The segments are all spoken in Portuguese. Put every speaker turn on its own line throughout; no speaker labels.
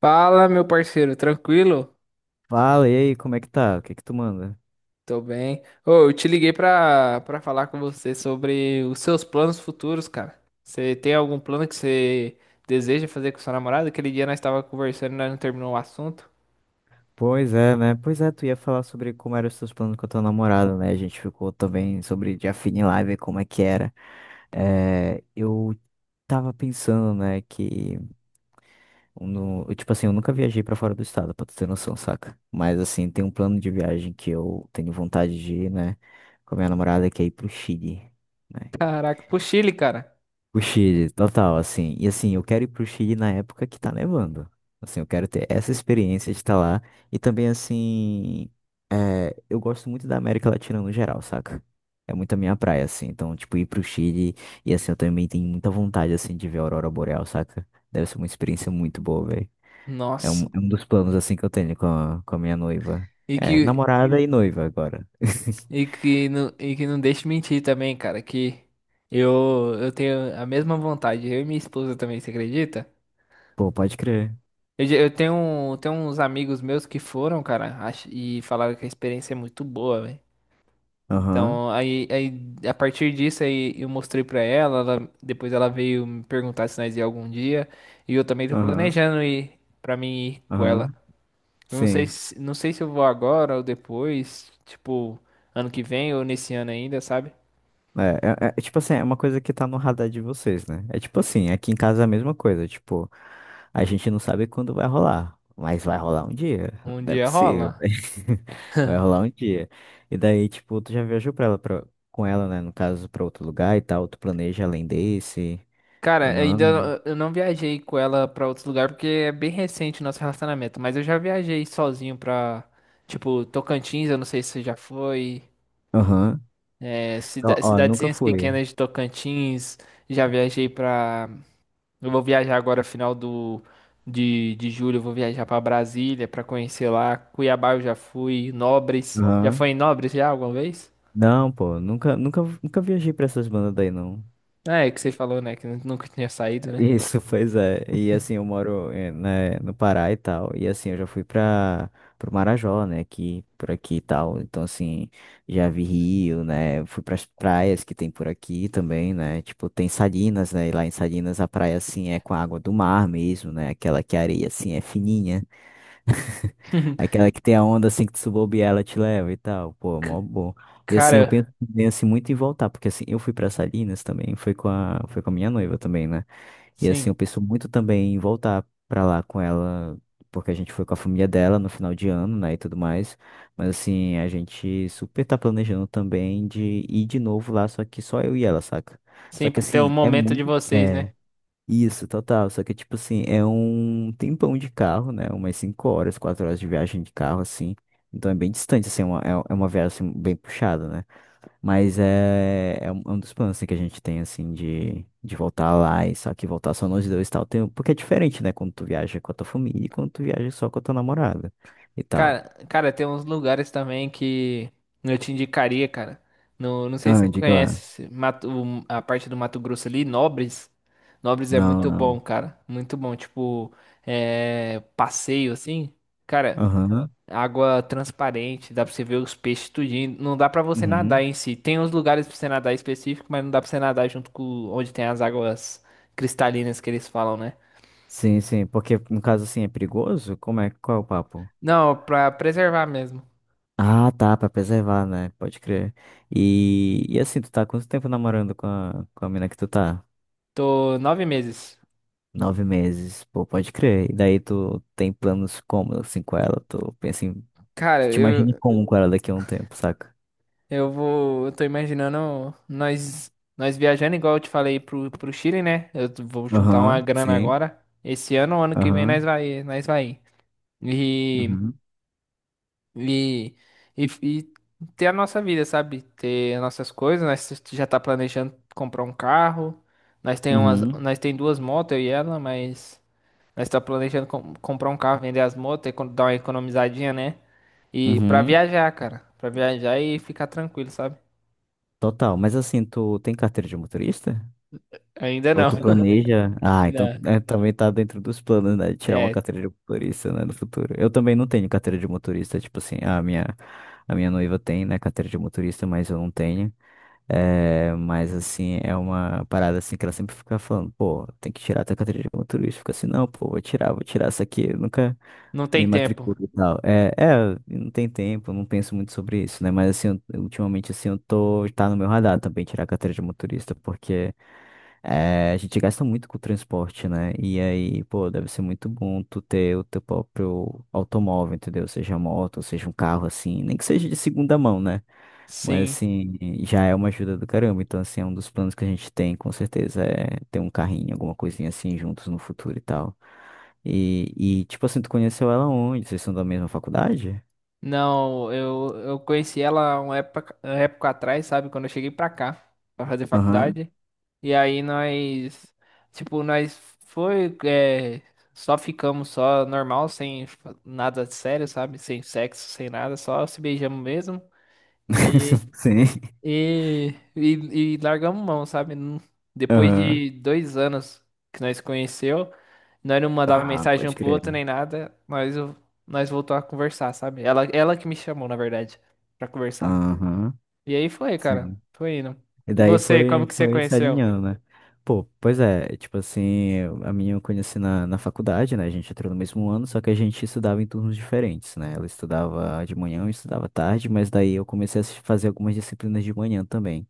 Fala, meu parceiro, tranquilo?
Fala, e aí, como é que tá? O que que tu manda?
Tô bem. Ô, eu te liguei pra falar com você sobre os seus planos futuros, cara. Você tem algum plano que você deseja fazer com sua namorada? Aquele dia nós tava conversando e nós não terminou o assunto.
Pois é, né? Pois é, tu ia falar sobre como eram os teus planos com a tua namorada, né? A gente ficou também sobre de Afine Live, como é que era. É, eu tava pensando, né, que... No, eu, tipo assim, eu nunca viajei pra fora do estado, pra tu ter noção, saca? Mas, assim, tem um plano de viagem que eu tenho vontade de ir, né? Com a minha namorada, que é ir pro Chile. Né?
Caraca, pro Chile, cara.
O Chile, total, assim. E assim, eu quero ir pro Chile na época que tá nevando. Assim, eu quero ter essa experiência de estar lá. E também, assim, é, eu gosto muito da América Latina no geral, saca? É muito a minha praia, assim. Então, tipo, ir pro Chile e assim, eu também tenho muita vontade, assim, de ver a Aurora Boreal, saca? Deve ser uma experiência muito boa, velho. É um,
Nossa.
é um dos planos, assim, que eu tenho com a minha noiva.
E
É,
que,
namorada e noiva agora.
e que não deixe mentir também, cara, que eu tenho a mesma vontade. Eu e minha esposa também, você acredita?
Pô, pode crer.
Eu, já- eu tenho, um- tenho uns amigos meus que foram, cara, e falaram que a experiência é muito boa, velho.
Aham,
Então, aí a partir disso aí eu mostrei pra ela, depois ela veio me perguntar se nós ia algum dia, e eu também tô
aham,
planejando ir pra mim ir com ela.
aham.
Eu não sei
Sim.
se, não sei se eu vou agora ou depois, tipo, ano que vem ou nesse ano ainda, sabe?
É, é, tipo assim, é uma coisa que tá no radar de vocês, né? É tipo assim, aqui em casa é a mesma coisa, tipo, a gente não sabe quando vai rolar, mas vai rolar um dia,
Um
não é
dia
possível,
rola.
né? Vai rolar um dia. E daí, tipo, tu já viajou pra ela, com ela, né, no caso, pra outro lugar e tal, tu planeja além desse, ou
Cara,
não?
ainda eu não viajei com ela pra outro lugar porque é bem recente o nosso relacionamento, mas eu já viajei sozinho pra, tipo, Tocantins, eu não sei se você já foi.
Aham.
É,
Ó,
cida-
ó, nunca
cidadezinhas
fui.
pequenas de Tocantins. Já viajei pra. Eu vou viajar agora, final de julho. Eu vou viajar pra Brasília pra conhecer lá. Cuiabá eu já fui. Nobres. Já foi
Aham.
em Nobres já alguma vez?
Não, pô, nunca, nunca, nunca viajei pra essas bandas daí, não.
É, que você falou, né? Que nunca tinha saído, né?
Isso, pois é. E assim, eu moro né, no Pará e tal. E assim, eu já fui para pro Marajó, né? Aqui, por aqui e tal. Então, assim, já vi rio, né? Fui para as praias que tem por aqui também, né? Tipo, tem Salinas, né? E lá em Salinas a praia, assim, é com a água do mar mesmo, né? Aquela que a areia, assim, é fininha. Aquela que tem a onda, assim, que tu subir ela te leva e tal. Pô, mó
C-
bom. E assim, eu penso,
Cara,
penso muito em voltar, porque assim, eu fui para Salinas também, foi com a minha noiva também, né? E assim,
sim.
eu penso muito também em voltar pra lá com ela, porque a gente foi com a família dela no final de ano, né, e tudo mais. Mas assim, a gente super tá planejando também de ir de novo lá, só que só eu e ela, saca?
Sim,
Só que
pra ter um
assim, é
momento de
muito.
vocês,
É,
né?
isso, total. Só que tipo assim, é um tempão de carro, né? Umas 5 horas, 4 horas de viagem de carro, assim. Então é bem distante, assim, é uma, é uma viagem assim, bem puxada, né? Mas é, é um dos planos assim, que a gente tem, assim, de voltar lá e só que voltar só nós dois e tal. Tem, porque é diferente, né? Quando tu viaja com a tua família e quando tu viaja só com a tua namorada e tal.
Cara, cara, tem uns lugares também que eu te indicaria, cara. No, não sei se
Ah,
você
diga lá.
conhece a parte do Mato Grosso ali, Nobres. Nobres é
Não,
muito bom,
não.
cara. Muito bom. Tipo, é, passeio assim. Cara,
Aham.
água transparente, dá pra você ver os peixes tudinho. Não dá pra você nadar
Uhum.
em si. Tem uns lugares pra você nadar específico, mas não dá pra você nadar junto com onde tem as águas cristalinas que eles falam, né?
Sim, sim. Porque no caso, assim, é perigoso? Como é? Qual é o papo?
Não, pra preservar mesmo.
Ah, tá, pra preservar, né? Pode crer. E assim, tu tá há quanto tempo namorando com a mina que tu tá?
Tô 9 meses.
9 meses, pô, pode crer. E daí tu tem planos como, assim, com ela? Tu pensa em
Cara,
Tu te imagina como com ela daqui a um tempo, saca?
Eu vou. Eu tô imaginando nós viajando, igual eu te falei, pro Chile, né? Eu vou juntar uma
Aham,
grana
sim.
agora. Esse ano, ano que vem, nós
Aham,
vai, nós vai. E,
uhum,
e, e ter a nossa vida, sabe? Ter as nossas coisas. Nós já tá planejando comprar um carro. Nós tem umas,
uhum,
nós tem duas motos, eu e ela, mas nós tá planejando comprar um carro, vender as motos, e dar uma economizadinha, né? E pra
uhum.
viajar, cara. Pra viajar e ficar tranquilo, sabe?
Total. Mas assim, tu tem carteira de motorista?
Ainda
Ou
não.
tu planeja? Ah, então
Não.
é, também tá dentro dos planos, né? De tirar uma
É,
carteira de motorista, né? No futuro. Eu também não tenho carteira de motorista. Tipo assim, a minha noiva tem, né? Carteira de motorista, mas eu não tenho. É, mas assim, é uma parada assim que ela sempre fica falando, pô, tem que tirar a tua carteira de motorista. Fica assim, não, pô, vou tirar isso aqui. Eu nunca
não tem
me
tempo.
matriculo e tal. É, é, não tem tempo, não penso muito sobre isso, né? Mas assim, eu- ultimamente assim, eu tô, tá no meu radar também tirar a carteira de motorista, porque. É, a gente gasta muito com o transporte, né? E aí, pô, deve ser muito bom tu ter o teu próprio automóvel, entendeu? Seja moto, seja um carro, assim, nem que seja de segunda mão, né? Mas
Sim.
assim, já é uma ajuda do caramba. Então, assim, é um dos planos que a gente tem, com certeza, é ter um carrinho, alguma coisinha assim juntos no futuro e tal. E, e tipo assim, tu conheceu ela onde? Vocês são da mesma faculdade?
Não, eu conheci ela uma época atrás, sabe? Quando eu cheguei pra cá, pra fazer
Aham.
faculdade. E aí tipo, nós foi, é, só ficamos só normal, sem fa- nada de sério, sabe? Sem sexo, sem nada, só se beijamos mesmo.
Sim.
E largamos mão, sabe? Não. Depois
Aham.
de 2 anos que nós conheceu, nós não mandava
Ah,
mensagem um
pode
pro
crer.
outro nem nada, nós voltou a conversar, sabe? Ela que me chamou, na verdade, pra conversar.
Aham.
E aí foi, cara.
Sim.
Foi indo.
E
E
daí
você,
foi,
como que você
foi se
conheceu?
alinhando, né? Pô, pois é, tipo assim, eu- a minha eu conheci na faculdade, né? A gente entrou no mesmo ano, só que a gente estudava em turnos diferentes, né? Ela estudava de manhã, eu estudava tarde, mas daí eu comecei a fazer algumas disciplinas de manhã também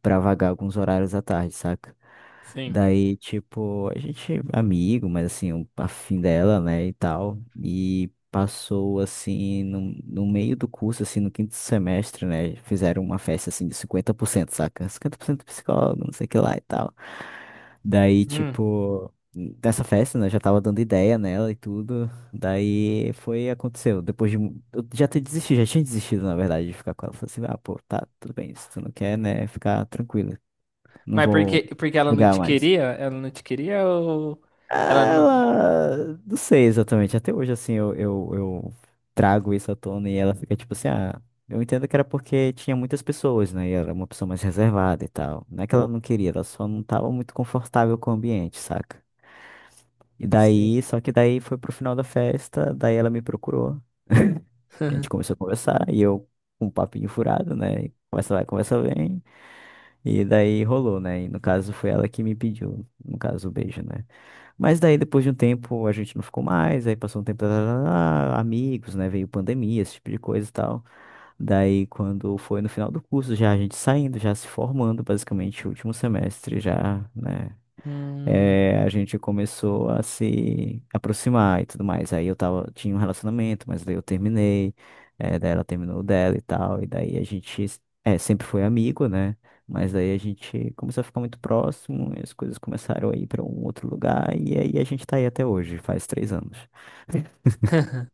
pra vagar alguns horários à tarde, saca?
Sim.
Daí, tipo, a gente é amigo, mas assim, um afim dela, né, e tal. E passou, assim, no meio do curso, assim, no quinto semestre, né? Fizeram uma festa, assim, de 50%, saca? 50% psicólogo, não sei o que lá e tal. Daí,
Hum.
tipo, nessa festa, né, eu já tava dando ideia nela e tudo. Daí foi, aconteceu. Depois de. Eu já tinha desistido, na verdade, de ficar com ela. Falei assim, ah, pô, tá, tudo bem, se tu não quer, né, ficar tranquilo. Não
Mas
vou
porque ela não
chegar
te
mais.
queria? Ela não te queria ou ela não.
Ela, não sei exatamente. Até hoje, assim, eu trago isso à tona e ela fica tipo assim, ah, eu entendo que era porque tinha muitas pessoas, né? E ela era uma pessoa mais reservada e tal. Não é que ela não queria, ela só não tava muito confortável com o ambiente, saca? E
Sim.
daí, só que daí foi pro final da festa, daí ela me procurou. A gente começou a conversar e eu, com um papinho furado, né? Conversa vai, conversa vem. E daí rolou, né? E no caso foi ela que me pediu, no caso, o beijo, né? Mas daí depois de um tempo a gente não ficou mais, aí passou um tempo, tarará, amigos, né? Veio pandemia, esse tipo de coisa e tal. Daí quando foi no final do curso, já a gente saindo, já se formando, basicamente, último semestre, já, né?
Hum.
A gente começou a se aproximar e tudo mais. Aí eu tava, tinha um relacionamento, mas daí eu terminei, daí ela terminou o dela e tal, e daí a gente, sempre foi amigo, né? Mas daí a gente começou a ficar muito próximo, e as coisas começaram a ir para um outro lugar, e aí a gente tá aí até hoje, faz 3 anos.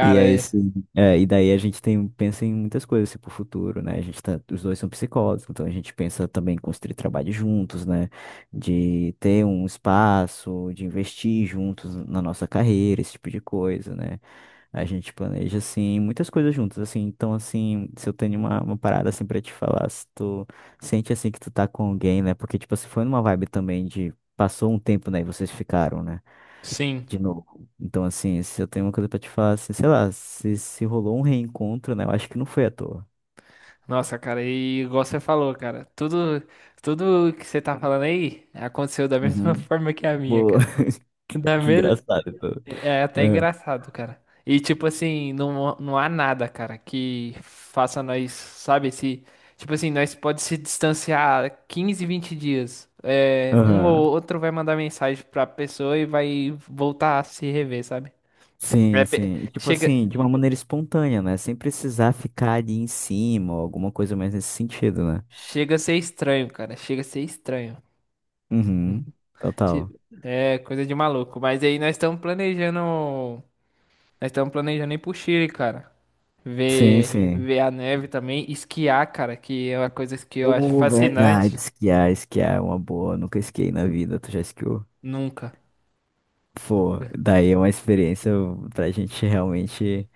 E aí, assim, é, e daí a gente tem, pensa em muitas coisas assim, pro futuro, né? A gente tá, os dois são psicólogos, então a gente pensa também em construir trabalho juntos, né? De ter um espaço, de investir juntos na nossa carreira, esse tipo de coisa, né? A gente planeja, assim, muitas coisas juntos, assim. Então, assim, se eu tenho uma parada, assim, pra te falar, se tu sente, assim, que tu tá com alguém, né? Porque, tipo, se foi numa vibe também de passou um tempo, né? E vocês ficaram, né?
sim.
De novo. Então, assim, se eu tenho uma coisa pra te falar, assim, sei lá, se rolou um reencontro, né? Eu acho que não foi à toa.
Nossa, cara, e igual você falou, cara, tudo que você tá falando aí aconteceu da mesma
Uhum.
forma que a minha,
Pô,
cara. Da
que
mesma,
engraçado. Pô.
é até
É,
engraçado, cara. E tipo assim, não, não há nada, cara, que faça nós, sabe, se, tipo assim, nós pode se distanciar 15, 20 dias. É, um
aham.
ou outro vai mandar mensagem pra pessoa e vai voltar a se rever, sabe? É
Sim,
pe-
sim. E tipo
chega,
assim, de uma maneira espontânea, né? Sem precisar ficar ali em cima ou alguma coisa mais nesse sentido, né?
chega a ser estranho, cara, chega a ser estranho.
Uhum.
Ti-
Total.
É coisa de maluco. Mas aí nós estamos planejando. Nós estamos planejando ir pro Chile, cara.
Sim,
Ver,
sim.
ver a neve também. Esquiar, cara, que é uma coisa que eu acho
Oh, verdade,
fascinante.
esquiar, esquiar é uma boa. Nunca esquiei na vida, tu já esquiou?
Nunca.
Pô, daí é uma experiência pra gente realmente.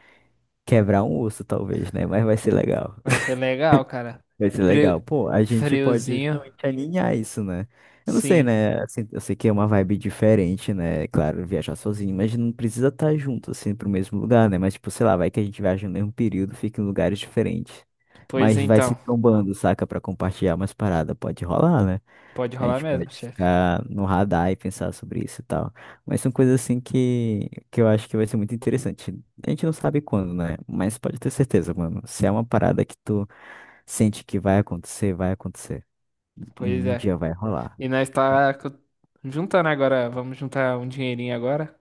Quebrar um osso, talvez, né? Mas vai ser legal.
Vai ser legal, cara.
Vai ser
Frio,
legal. Pô, a gente pode
friozinho,
justamente alinhar isso, né? Eu não sei,
sim.
né? Assim, eu sei que é uma vibe diferente, né? Claro, viajar sozinho, mas não precisa estar junto, assim, pro mesmo lugar, né? Mas, tipo, sei lá, vai que a gente viaja no mesmo período, fica em lugares diferentes.
Pois
Mas vai se
então.
trombando, saca? Pra compartilhar umas paradas. Pode rolar, né?
Pode
A
rolar
gente pode
mesmo, chefe.
ficar no radar e pensar sobre isso e tal. Mas são coisas assim que eu acho que vai ser muito interessante. A gente não sabe quando, né? Mas pode ter certeza, mano. Se é uma parada que tu sente que vai acontecer, vai acontecer.
Pois
Um
é.
dia vai rolar.
E nós
Né?
tá juntando agora. Vamos juntar um dinheirinho agora.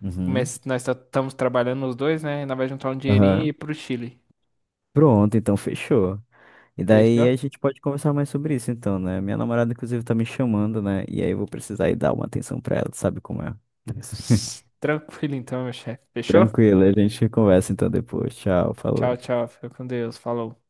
Uhum.
Nós estamos trabalhando os dois, né? Nós vai juntar um dinheirinho e ir
Aham.
pro Chile.
Pronto, então fechou. E daí
Fechou?
a gente pode conversar mais sobre isso, então, né? Minha namorada, inclusive, tá me chamando, né? E aí eu vou precisar ir dar uma atenção pra ela, tu sabe como é?
Tranquilo então, meu chefe. Fechou?
Tranquilo, a gente conversa então depois. Tchau,
Tchau,
falou.
tchau. Fica com Deus. Falou.